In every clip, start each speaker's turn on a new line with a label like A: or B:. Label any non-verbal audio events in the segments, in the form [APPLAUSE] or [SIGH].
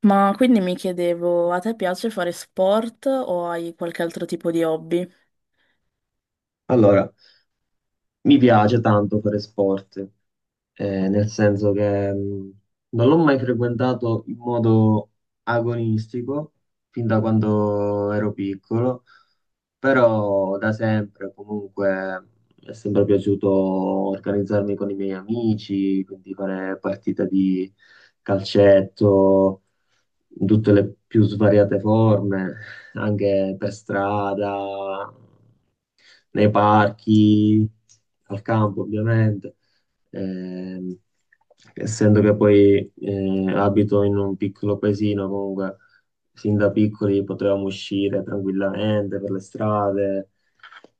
A: Ma quindi mi chiedevo, a te piace fare sport o hai qualche altro tipo di hobby?
B: Allora, mi piace tanto fare sport, nel senso che non l'ho mai frequentato in modo agonistico fin da quando ero piccolo, però da sempre comunque mi è sempre piaciuto organizzarmi con i miei amici, quindi fare partite di calcetto in tutte le più svariate forme, anche per strada, nei parchi, al campo ovviamente. Ehm, Essendo che poi abito in un piccolo paesino, comunque sin da piccoli potevamo uscire tranquillamente per le strade,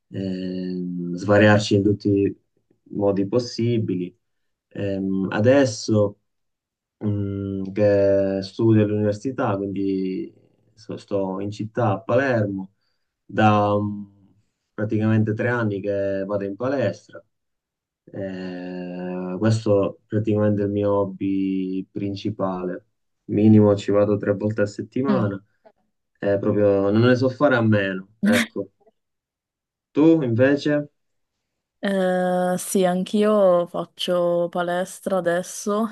B: svariarci in tutti i modi possibili. Adesso che studio all'università, quindi sto in città a Palermo, da praticamente 3 anni che vado in palestra. Questo praticamente è il mio hobby principale. Minimo ci vado 3 volte a
A: Mm.
B: settimana. Proprio non ne so fare a meno. Ecco.
A: [LAUGHS]
B: Tu invece?
A: Sì, anch'io faccio palestra adesso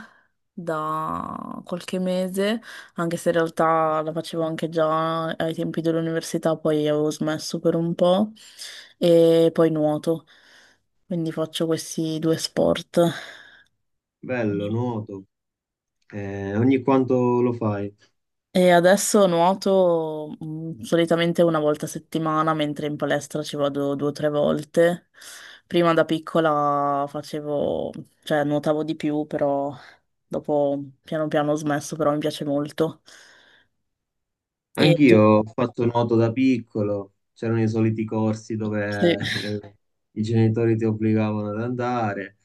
A: da qualche mese, anche se in realtà la facevo anche già ai tempi dell'università, poi avevo smesso per un po' e poi nuoto, quindi faccio questi due sport.
B: Bello, nuoto. Ogni quanto lo fai?
A: E adesso nuoto solitamente una volta a settimana, mentre in palestra ci vado due o tre volte. Prima da piccola facevo, cioè nuotavo di più, però dopo piano piano ho smesso, però mi piace molto. E tu?
B: Anch'io ho fatto nuoto da piccolo, c'erano i soliti corsi
A: Sì.
B: dove
A: [LAUGHS]
B: [LAUGHS] i genitori ti obbligavano ad andare.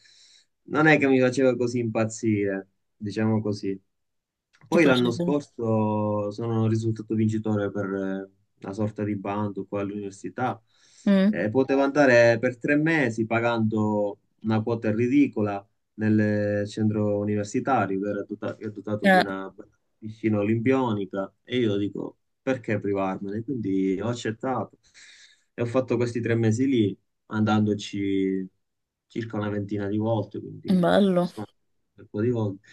B: Non è che mi faceva così impazzire, diciamo così.
A: ti
B: Poi
A: piace?
B: l'anno scorso sono risultato vincitore per una sorta di bando qua all'università.
A: Mm.
B: Potevo andare per 3 mesi pagando una quota ridicola nel centro universitario che era che è dotato di
A: Eh,
B: una piscina olimpionica e io dico, perché privarmene? Quindi ho accettato e ho fatto questi 3 mesi lì, andandoci circa una ventina di volte, quindi ci
A: bello.
B: sono andato un bel po' di volte.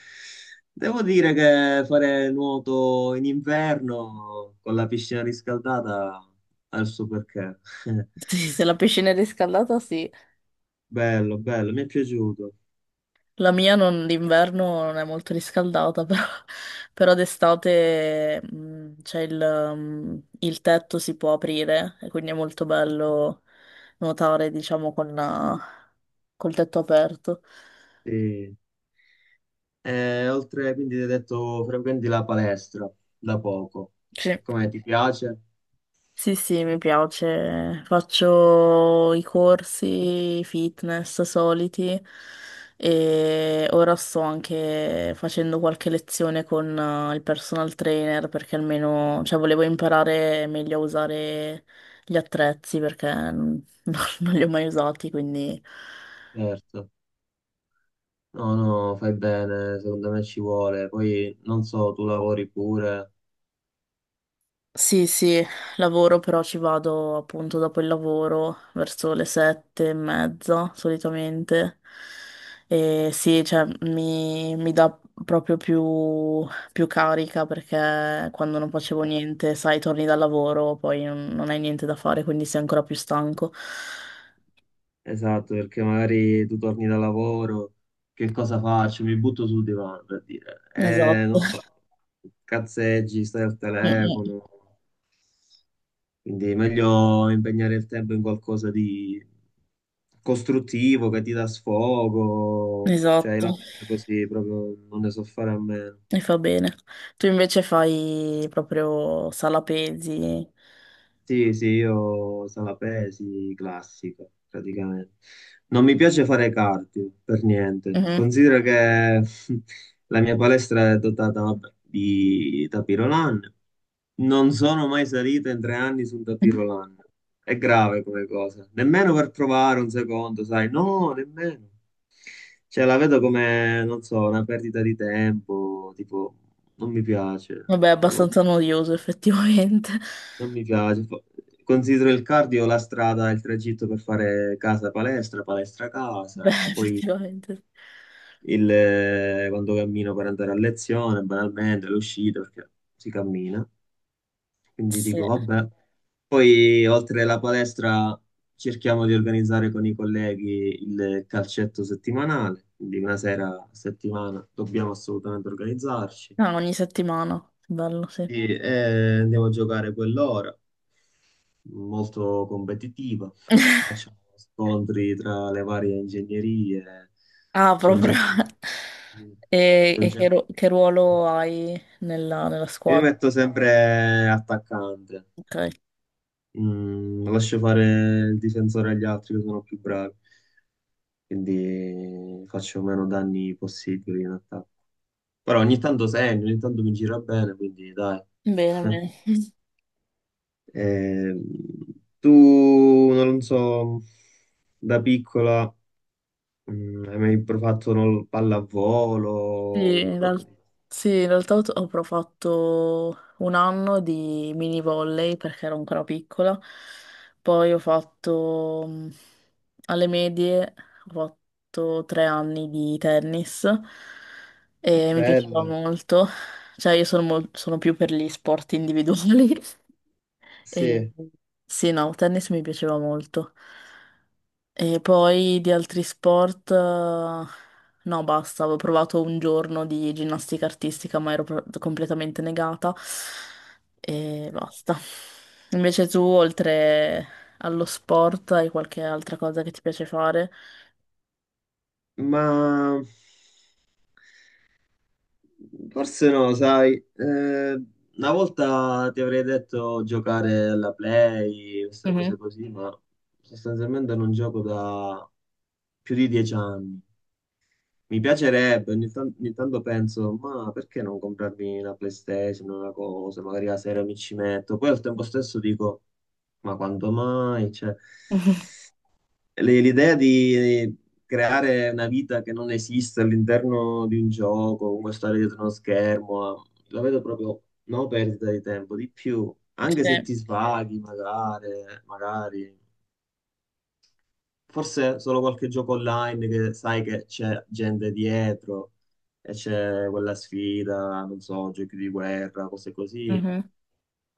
B: Devo dire che fare nuoto in inverno con la piscina riscaldata ha il suo perché. [LAUGHS]
A: Sì, se la piscina è riscaldata, sì.
B: Bello, bello, mi è piaciuto.
A: La mia d'inverno non è molto riscaldata, però, [LAUGHS] però d'estate c'è il tetto si può aprire e quindi è molto bello nuotare, diciamo, col tetto aperto.
B: Sì. E oltre, quindi ti hai detto, frequenti la palestra da poco.
A: Sì.
B: Come ti piace?
A: Sì, sì, mi piace. Faccio i corsi fitness soliti e ora sto anche facendo qualche lezione con il personal trainer perché almeno, cioè, volevo imparare meglio a usare gli attrezzi perché non, [LAUGHS] non li ho mai usati, quindi
B: Certo. No, no, fai bene, secondo me ci vuole. Poi non so, tu lavori pure.
A: sì, sì, lavoro però ci vado appunto dopo il lavoro, verso le sette e mezza solitamente. E sì, cioè mi dà proprio più carica perché quando non facevo niente, sai, torni dal lavoro, poi non hai niente da fare, quindi sei ancora più stanco.
B: Esatto, perché magari tu torni da lavoro, che cosa faccio? Mi butto sul divano per dire.
A: Esatto. [LAUGHS]
B: Non so, cazzeggi, stai al
A: Mm,
B: telefono. Quindi è meglio impegnare il tempo in qualcosa di costruttivo che ti dà sfogo. Cioè, io la
A: esatto,
B: penso così, proprio non ne so fare a meno.
A: mi fa bene. Tu invece fai proprio sala pesi.
B: Sì, sì, io sala pesi, classica, praticamente. Non mi piace fare cardio, per niente.
A: Mhm.
B: Considero che [LAUGHS] la mia palestra è dotata, vabbè, di tapirolan. Non sono mai salito in 3 anni su un tapirolan. È grave come cosa. Nemmeno per provare un secondo, sai? No, nemmeno. Cioè, la vedo come, non so, una perdita di tempo, tipo, non mi piace,
A: Vabbè, è
B: non lo
A: abbastanza noioso effettivamente.
B: non mi
A: [LAUGHS]
B: piace. Considero il cardio la strada, il tragitto per fare casa-palestra,
A: Beh,
B: palestra-casa, poi
A: effettivamente.
B: quando cammino per andare a lezione, banalmente, l'uscita, perché si cammina. Quindi
A: Sì.
B: dico, vabbè. Poi, oltre alla palestra, cerchiamo di organizzare con i colleghi il calcetto settimanale, quindi una sera a settimana dobbiamo assolutamente organizzarci.
A: Ah, ogni settimana. Bello, sì.
B: Sì, andiamo a giocare quell'ora, molto competitiva.
A: [LAUGHS]
B: Facciamo scontri tra le varie ingegnerie.
A: Ah,
B: C'è un
A: proprio.
B: certo... c'è un
A: E
B: certo-
A: che ruolo hai nella
B: Io mi
A: squadra?
B: metto sempre attaccante.
A: Ok.
B: Lascio fare il difensore agli altri che sono più bravi, quindi faccio meno danni possibili in attacco. Però ogni tanto segno, ogni tanto mi gira bene, quindi dai.
A: Bene, bene.
B: Ehm, Tu, non so, da piccola hai mai provato non, lo-
A: Sì,
B: pallavolo?
A: in real- sì, in realtà ho però fatto un anno di mini volley perché ero ancora piccola, poi ho fatto alle medie, ho fatto tre anni di tennis e mi piaceva
B: Bello.
A: molto, cioè io sono più per gli sport individuali [LAUGHS] e
B: Sì,
A: sì, no, tennis mi piaceva molto. E poi di altri sport, no, basta, avevo provato un giorno di ginnastica artistica, ma ero completamente negata e basta. Invece tu, oltre allo sport, hai qualche altra cosa che ti piace fare?
B: ma forse no, sai, una volta ti avrei detto giocare alla Play, queste cose
A: Mhm.
B: così, ma sostanzialmente non gioco da più di 10 anni. Mi piacerebbe, ogni tanto penso, ma perché non comprarmi una PlayStation, una cosa, magari la sera mi ci metto. Poi al tempo stesso dico, ma quando mai? Cioè,
A: [LAUGHS]
B: l'idea di creare una vita che non esiste all'interno di un gioco, comunque stare dietro uno schermo, la vedo proprio no perdita di tempo, di più, anche se
A: Sì.
B: ti svaghi magari, magari, forse solo qualche gioco online che sai che c'è gente dietro e c'è quella sfida, non so, giochi di guerra, cose così,
A: Mhm.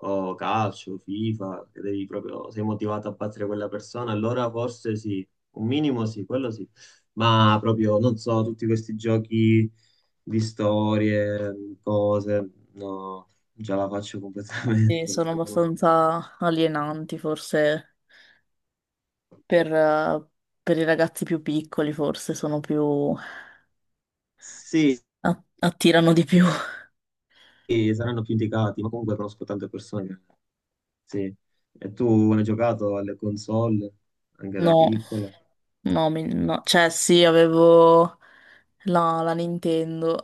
B: o calcio, FIFA, che devi proprio, sei motivato a battere quella persona, allora forse sì, un minimo sì, quello sì, ma proprio, non so, tutti questi giochi di storie, cose, no, già la faccio
A: Sì,
B: completamente.
A: sono
B: [LAUGHS] No.
A: abbastanza alienanti, forse per, eh, per i ragazzi più piccoli, forse sono più...
B: Sì,
A: attirano di più. [LAUGHS]
B: sì, saranno più indicati, ma comunque conosco tante persone che... Sì. E tu hai giocato alle console, anche da
A: No.
B: piccola?
A: No, cioè sì, avevo la Nintendo,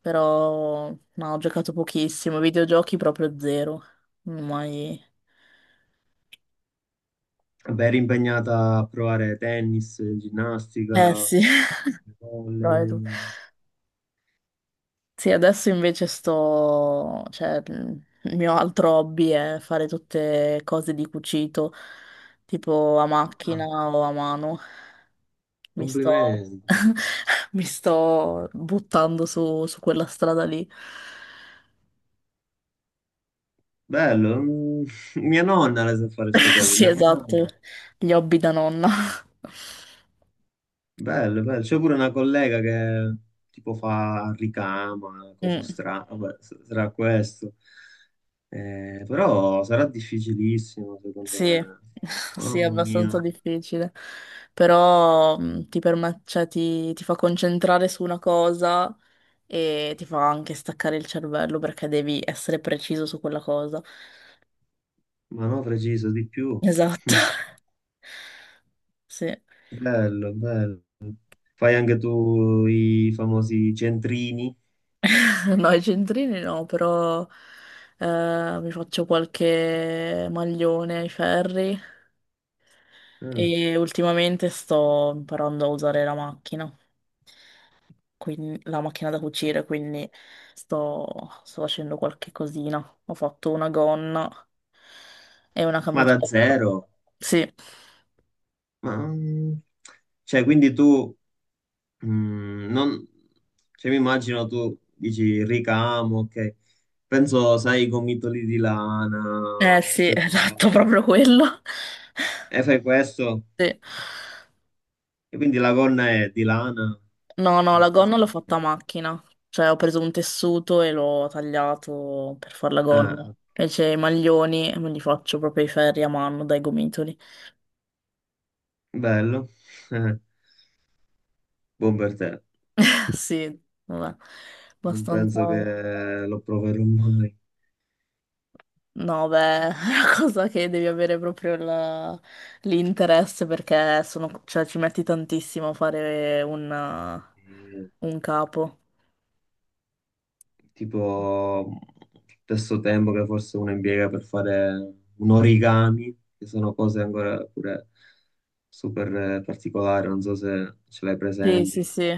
A: però no, ho giocato pochissimo, videogiochi proprio zero, non ho mai...
B: Beh, eri impegnata a provare tennis,
A: Eh
B: ginnastica,
A: sì. [LAUGHS] Però è tu-
B: volley.
A: sì, adesso invece sto... cioè il mio altro hobby è fare tutte cose di cucito, tipo a macchina
B: Ah,
A: o a mano. Mi sto...
B: complimenti.
A: [LAUGHS] mi sto buttando su su quella strada lì.
B: Bello, [LAUGHS] mia nonna le sa fare queste
A: [LAUGHS]
B: cose,
A: Sì,
B: mia
A: esatto,
B: mamma.
A: gli hobby da nonna.
B: Bello, bello. C'è pure una collega che tipo fa ricama, cose
A: Mm,
B: strane, vabbè, sarà questo. Però sarà difficilissimo, secondo
A: sì,
B: me.
A: [LAUGHS] sì, è
B: Mamma
A: abbastanza
B: mia,
A: difficile, però ti permette, cioè, ti fa concentrare su una cosa e ti fa anche staccare il cervello perché devi essere preciso su quella cosa.
B: ma no, preciso di più. [LAUGHS]
A: Esatto,
B: Mm.
A: [LAUGHS] sì.
B: Bello, bello. Fai anche tu i famosi centrini?
A: [LAUGHS] No, i centrini no, però mi faccio qualche maglione ai ferri
B: Mm.
A: e ultimamente sto imparando a usare la macchina. Quin- la macchina da cucire, quindi sto, sto facendo qualche cosina. Ho fatto una gonna e una
B: Ma da
A: camicetta.
B: zero.
A: Sì,
B: Ma, cioè, quindi tu Mm, non- cioè, mi immagino tu dici ricamo, ok. Penso, sai, i gomitoli di
A: eh
B: lana,
A: sì, [LAUGHS]
B: queste
A: esatto,
B: cose.
A: proprio quello.
B: E fai questo,
A: Sì.
B: e quindi la gonna è di lana.
A: No, no, la gonna l'ho fatta a macchina, cioè ho preso un tessuto e l'ho tagliato per fare la gonna.
B: Ah,
A: Invece i maglioni me li faccio proprio i ferri a mano dai gomitoli.
B: bello. [LAUGHS] Buon per te.
A: [LAUGHS] Sì, vabbè,
B: Non
A: abbastanza.
B: penso che lo proverò mai.
A: No, beh, [LAUGHS] è una cosa che devi avere proprio l'interesse perché sono, cioè, ci metti tantissimo a fare
B: Eh,
A: un capo.
B: tipo stesso tempo che forse uno impiega per fare un origami, che sono cose ancora pure super particolari, non so se ce l'hai
A: Sì, sì,
B: presenti.
A: sì,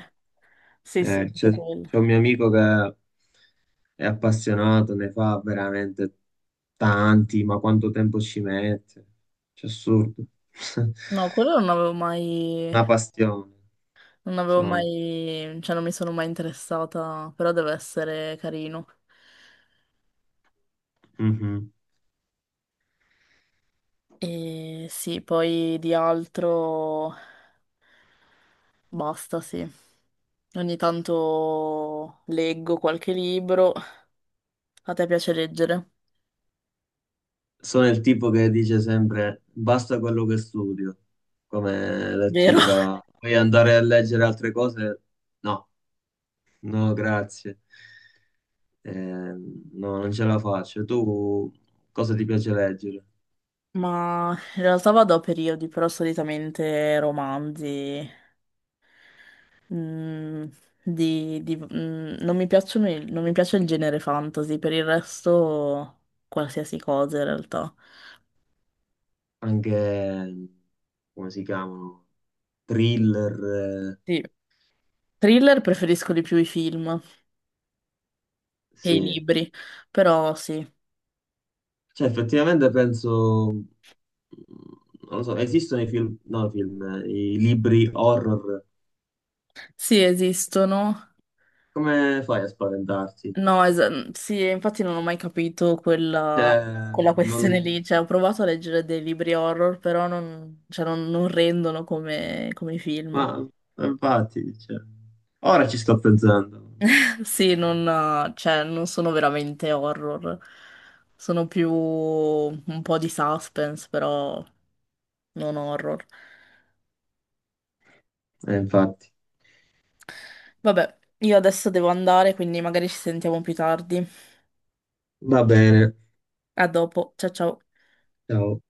A: sì, sì,
B: Eh, c'è
A: anche quello.
B: c'è un mio amico che è appassionato, ne fa veramente tanti, ma quanto tempo ci mette? C'è assurdo. [LAUGHS]
A: No, quello non avevo mai,
B: Una passione,
A: non avevo
B: sono.
A: mai, cioè non mi sono mai interessata, però deve essere carino.
B: Mhm.
A: E sì, poi di altro basta, sì. Ogni tanto leggo qualche libro. A te piace leggere,
B: Sono il tipo che dice sempre basta quello che studio come
A: vero?
B: lettura, poi andare a leggere altre cose, no, no, grazie. No, non ce la faccio. Tu cosa ti piace leggere?
A: Ma in realtà vado a periodi, però solitamente romanzi. mm, Non mi piacciono non mi piace il genere fantasy, per il resto qualsiasi cosa in realtà.
B: Anche, come si chiamano? Thriller,
A: Sì. Thriller preferisco di più i film che i
B: sì.
A: libri, però sì,
B: Cioè, effettivamente penso, non lo so, esistono i film, no, i film, i libri horror.
A: sì esistono.
B: Come fai a spaventarti?
A: No, es- mm, Sì, infatti non ho mai capito
B: Cioè,
A: quella questione lì,
B: non-
A: cioè ho provato a leggere dei libri horror, però non, cioè, non- non rendono come come i film.
B: ma infatti, cioè, ora ci sto pensando.
A: [LAUGHS] Sì, non sono veramente horror, sono più un po' di suspense, però non horror.
B: Infatti,
A: Vabbè, io adesso devo andare, quindi magari ci sentiamo più tardi.
B: va bene,
A: A dopo, ciao ciao.
B: ciao.